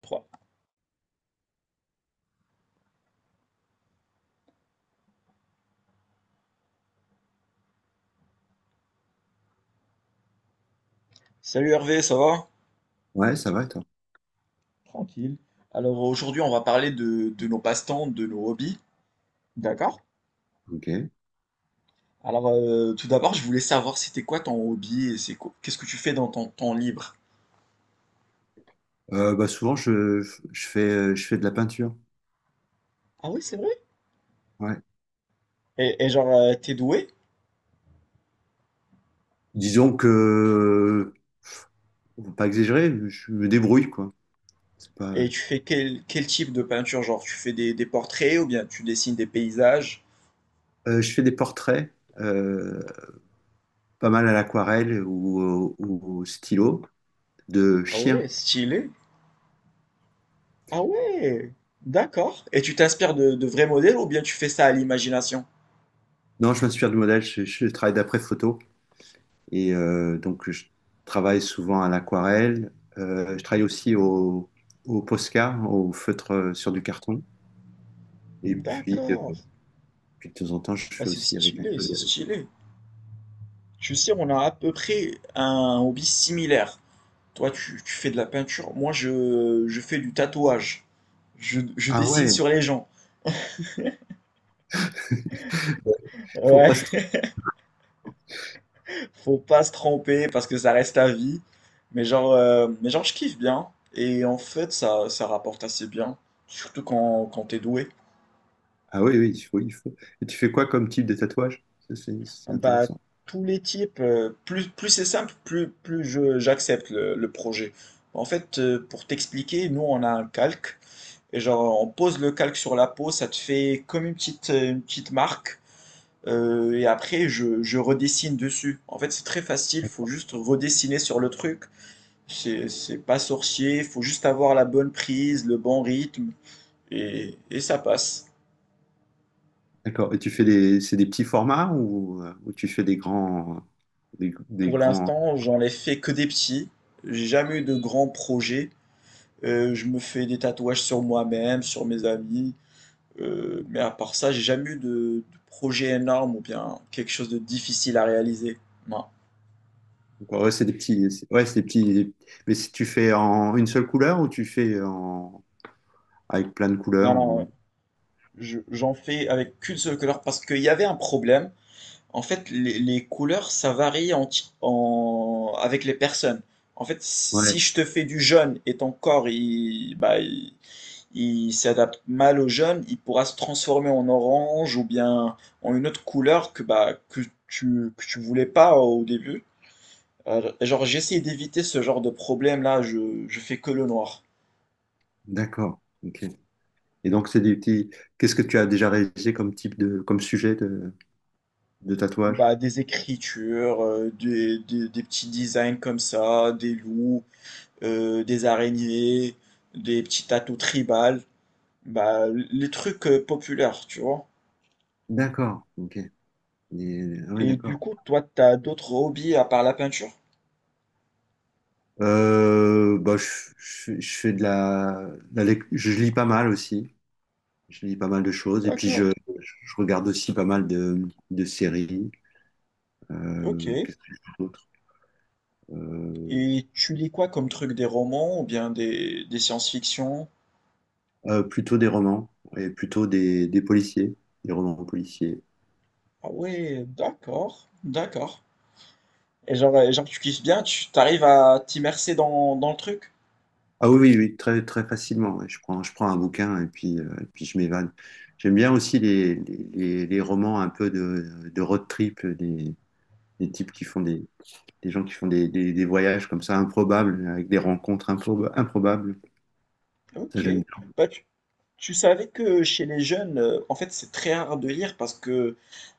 Trois. Salut Hervé, ça va? Ouais, ça va, et toi. Tranquille. Alors aujourd'hui on va parler de nos passe-temps, de nos hobbies. D'accord. Ok. Alors tout d'abord je voulais savoir c'était quoi ton hobby et qu'est-ce que tu fais dans ton temps libre? Souvent, je fais de la peinture. Ah oui, c'est vrai. Ouais. Et genre t'es doué? Disons que on va pas exagérer, je me débrouille, quoi. C'est pas... Et tu fais quel type de peinture? Genre tu fais des portraits ou bien tu dessines des paysages? Je fais des portraits, euh, pas mal à l'aquarelle ou au stylo, de Ah ouais, chiens. stylé. Ah ouais, d'accord. Et tu t'inspires de vrais modèles ou bien tu fais ça à l'imagination? Non, je m'inspire du modèle, je travaille d'après photo. Et donc, je travaille souvent à l'aquarelle. Je travaille aussi au Posca, au feutre sur du carton. Et puis, euh, D'accord. Puis de temps en temps, je Ah, fais c'est aussi avec un stylé, peu. c'est stylé. Je sais, on a à peu près un hobby similaire. Toi, tu fais de la peinture. Moi, je fais du tatouage. Je Ah dessine ouais, il sur les gens. faut pas Ouais, se- faut pas se tromper parce que ça reste à vie. Mais genre, je kiffe bien. Et en fait, ça rapporte assez bien. Surtout quand t'es doué. ah oui, oui, il faut, il faut. Et tu fais quoi comme type de tatouage? C'est Bah, intéressant. tous les types, plus c'est simple, plus j'accepte le projet. En fait, pour t'expliquer, nous, on a un calque. Et genre, on pose le calque sur la peau, ça te fait comme une petite marque. Et après, je redessine dessus. En fait, c'est très facile, faut juste redessiner sur le truc. C'est pas sorcier, faut juste avoir la bonne prise, le bon rythme, et ça passe. D'accord. Et c'est des petits formats ou tu fais des Pour grands. l'instant, j'en ai fait que des petits. J'ai jamais eu de grands projets. Je me fais des tatouages sur moi-même, sur mes amis. Mais à part ça, j'ai jamais eu de projet énorme ou bien quelque chose de difficile à réaliser. Non. Ouais, c'est des petits. Ouais, c'est des petits. Mais si tu fais en une seule couleur ou tu fais en avec plein de Non, couleurs non, ouais. ou. Je J'en fais avec qu'une seule couleur parce qu'il y avait un problème. En fait, les couleurs, ça varie en ti en avec les personnes. En fait, Ouais, si je te fais du jaune et ton corps, il s'adapte mal au jaune, il pourra se transformer en orange ou bien en une autre couleur que, bah, que tu voulais pas au début. Genre, j'essaie d'éviter ce genre de problème-là, je fais que le noir. d'accord. Ok. Et donc c'est des petits. Qu'est-ce que tu as déjà réalisé comme sujet de tatouage? Bah, des écritures, des petits designs comme ça, des loups, des araignées, des petits tatous tribales, bah, les trucs populaires, tu vois. D'accord. Ok. Ouais, Et du d'accord. coup, toi, t'as d'autres hobbies à part la peinture. Euh, bah, je, je fais de la, la lec- je lis pas mal aussi. Je lis pas mal de choses. D'accord, Je regarde aussi pas mal de séries. ok. Qu'est-ce que je fais d'autre? Euh, Et tu lis quoi comme truc, des romans ou bien des science-fiction? Plutôt des romans et plutôt des policiers, des romans policiers. Ah ouais, d'accord, d'accord. Et genre, genre tu kiffes bien, tu t'arrives à t'immerser dans le truc. Ah oui, oui, oui, très, très facilement, ouais. Je prends un bouquin et puis je m'évade. J'aime bien aussi les romans un peu de road trip, des types qui font des, des gens qui font des voyages comme ça improbables, avec des rencontres improbables. Ça, Ok. j'aime bien. Bah, tu savais que chez les jeunes, en fait, c'est très rare de lire parce que,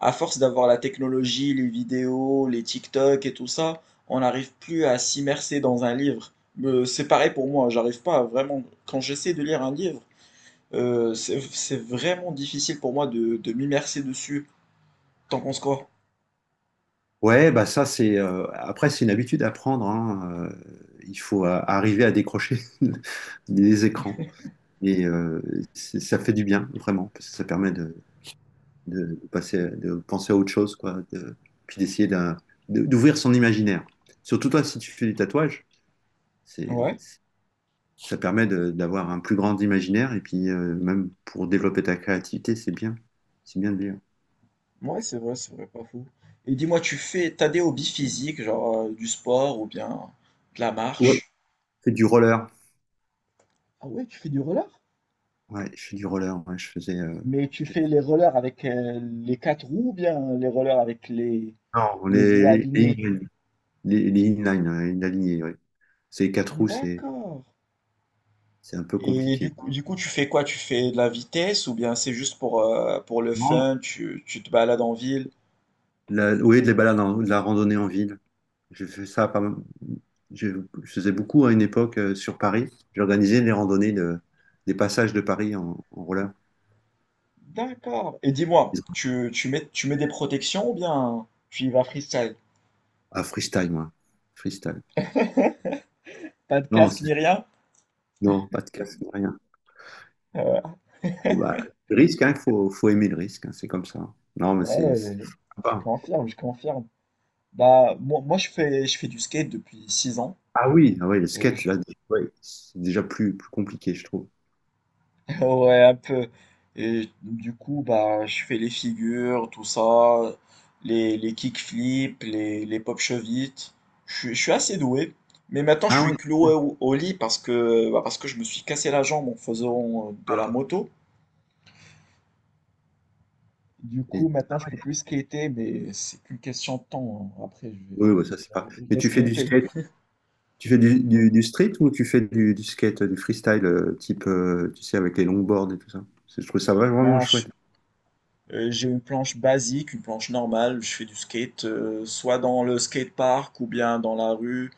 à force d'avoir la technologie, les vidéos, les TikTok et tout ça, on n'arrive plus à s'immerser dans un livre. C'est pareil pour moi, j'arrive pas à vraiment. Quand j'essaie de lire un livre, c'est vraiment difficile pour moi de m'immerser dessus. T'en penses quoi? Ouais, bah ça, c'est, après, c'est une habitude à prendre, hein. Il faut arriver à décrocher des écrans. Et c'est- ça fait du bien, vraiment, parce que ça permet de passer, de penser à autre chose, quoi, de- puis d'essayer d'un- de- d'ouvrir son imaginaire. Surtout toi, si tu fais du tatouage, c'est, Ouais. c'est- ça permet d'avoir un plus grand imaginaire, et puis même pour développer ta créativité, c'est bien. C'est bien de lire. Ouais, c'est vrai, pas fou. Et dis-moi, t'as des hobbies physiques, genre du sport ou bien de la Ouais, marche? je fais du roller. Ah ouais, tu fais du roller? Ouais, je fais du roller. Ouais, je faisais, Mais tu j'ai- fais les rollers avec les quatre roues ou bien les rollers avec non, les roues les alignées? inline, les inline, inalignés, ouais. C'est quatre roues, D'accord. c'est un peu Et compliqué. Du coup, tu fais quoi? Tu fais de la vitesse ou bien c'est juste pour le Non. fun, tu te balades en ville? La, oui, de la randonnée en ville. J'ai fait ça pas mal. Je, je faisais beaucoup à une époque sur Paris. J'organisais des passages de Paris en, en roller. D'accord. Et dis-moi, tu mets des protections ou bien tu y vas freestyle? À freestyle, moi. Freestyle. Pas de Non, casque ni rien? non, pas de casque, rien. Bon, bah, le risque, hein, faut, faut aimer le risque, hein, c'est comme ça. Non, mais Ouais, c'est ouais, je sympa. confirme, je confirme. Bah, je fais du skate depuis 6 ans. Ah oui, ah ouais, le Et skate, je- là, ouais, c'est déjà plus, plus compliqué, je trouve. Ouais, un peu. Et du coup, bah, je fais les figures, tout ça, les kickflips, les pop chevites. Je suis assez doué. Mais maintenant, je Ah suis ouais, cloué au lit parce que, bah, parce que je me suis cassé la jambe en faisant de la moto. Du coup, maintenant, ah je ouais. peux plus skater, mais c'est qu'une question de temps, hein. Après, Oui, ouais, je ça c'est vais pas. Mais tu fais du re-skater. skate, tu fais du street ou tu fais du skate, du freestyle, type, tu sais, avec les longboards et tout ça. Je trouve ça vraiment Non, vraiment non, je, chouette. J'ai une planche basique, une planche normale. Je fais du skate, soit dans le skatepark ou bien dans la rue.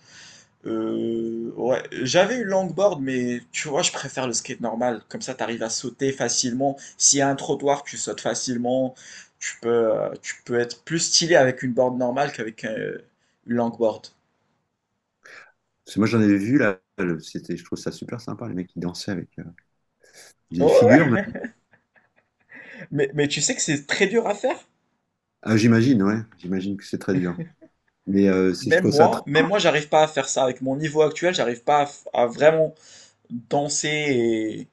Ouais, j'avais une longboard, mais tu vois, je préfère le skate normal. Comme ça, t'arrives à sauter facilement. S'il y a un trottoir, tu sautes facilement. Tu peux être plus stylé avec une board normale qu'avec une longboard. Parce que moi j'en avais vu là, c'était, je trouve ça super sympa, les mecs qui dansaient avec Ouais, des figures même. ouais. Mais tu sais que c'est très dur à faire. Ah, j'imagine, ouais, j'imagine que c'est très dur. Mais c'est- je trouve ça très. Même moi, j'arrive pas à faire ça. Avec mon niveau actuel, j'arrive pas à, à vraiment danser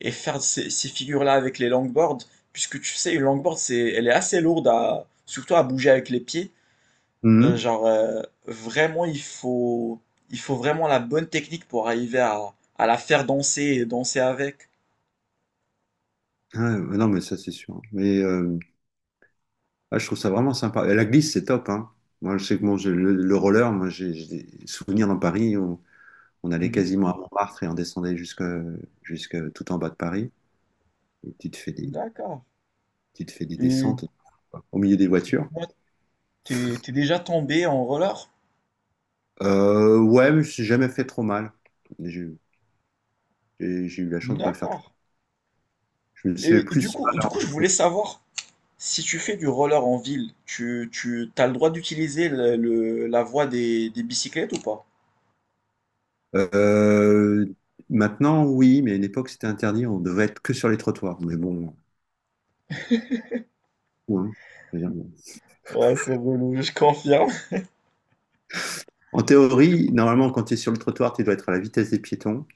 et faire ces figures-là avec les longboards, puisque tu sais, une longboard, c'est, elle est assez lourde, à, surtout à bouger avec les pieds. Mhm. Vraiment, il faut vraiment la bonne technique pour arriver à la faire danser et danser avec. Ah, ouais, non, mais ça c'est sûr. Mais ah, je trouve ça vraiment sympa. Et la glisse, c'est top, hein. Moi, je sais que bon, le roller, moi, j'ai des souvenirs dans Paris où on allait Mhm. quasiment à Montmartre et on descendait jusque, jusque tout en bas de Paris. Et tu te fais des, D'accord. tu te fais des Et descentes au milieu des voitures. moi, t'es déjà tombé en roller? Ouais, mais je me suis jamais fait trop mal. J'ai eu j'ai eu la chance de pas faire D'accord. trop. Je me suis fait Et plus du coup, je voulais savoir, si tu fais du roller en ville, tu as le droit d'utiliser la voie des bicyclettes ou pas? mal. Maintenant, oui, mais à une époque, c'était interdit. On devait être que sur les trottoirs. Mais bon, ouais. Je veux dire, Ouais, c'est relou, je confirme. en théorie, normalement, quand tu es sur le trottoir, tu dois être à la vitesse des piétons.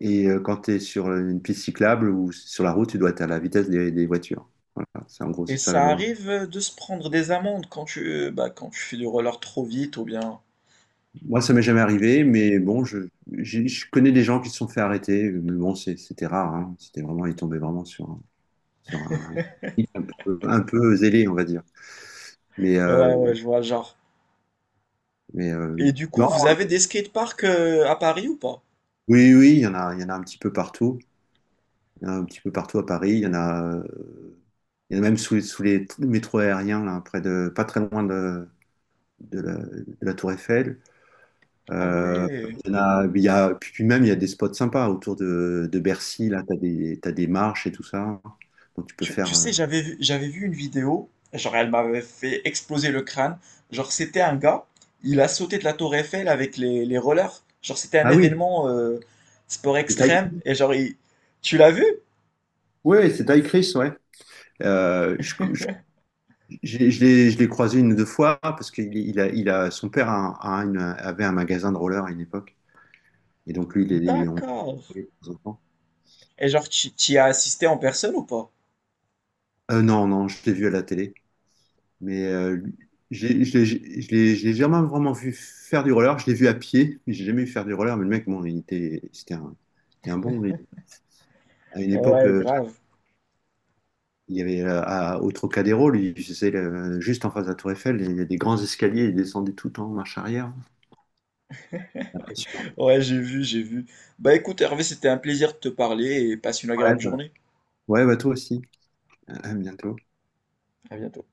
Et quand tu es sur une piste cyclable ou sur la route, tu dois être à la vitesse des voitures. Voilà, c'est en gros, Et c'est ça la ça loi. arrive de se prendre des amendes quand tu, bah, quand tu fais du roller trop vite ou bien... Moi, ça m'est jamais arrivé, mais bon, je connais des gens qui se sont fait arrêter, mais bon, c'était rare, hein. C'était vraiment, ils tombaient vraiment sur un, un peu zélé, on va dire. Mais, euh, Ouais, ouais, je vois le genre. mais euh, Et du coup, non, vous avez des skateparks à Paris ou pas? oui, oui, il y en a, il y en a un petit peu partout. Il y en a un petit peu partout à Paris. Il y en a, il y en a même les sous les métros aériens, là, près de, pas très loin de la Tour Eiffel. Ah Euh, ouais. Il y a- puis même, il y a des spots sympas autour de Bercy. Là, tu as des, t'as des marches et tout ça. Donc, tu peux Tu, faire, tu sais, j'avais vu, J'avais vu une vidéo, genre elle m'avait fait exploser le crâne. Genre c'était un gars, il a sauté de la tour Eiffel avec les rollers. Genre c'était un ah oui, événement sport c'est Ty extrême. Chris. Tu l'as vu? Ouais, c'est Ty Chris, ouais. Euh, je je- je l'ai croisé une ou deux fois parce qu'il il a, son père a avait un magasin de roller à une époque. Et donc, lui, D'accord. Et genre, tu y as assisté en personne ou pas? euh, non, non, je l'ai vu à la télé. Mais j'ai- je l'ai je- je l'ai jamais vraiment vu faire du roller. Je l'ai vu à pied, mais j'ai jamais vu faire du roller. Mais le mec, bon, c'était un bon, mais à une époque, Ouais, grave. il y avait au Trocadéro, lui, juste en face de la Tour Eiffel, il y a des grands escaliers, il descendait tout en marche arrière. Impressionnant. Ouais, j'ai vu, j'ai vu. Bah écoute, Hervé, c'était un plaisir de te parler et passe une Ouais, agréable bah, journée. ouais, bah, toi aussi. À bientôt. À bientôt.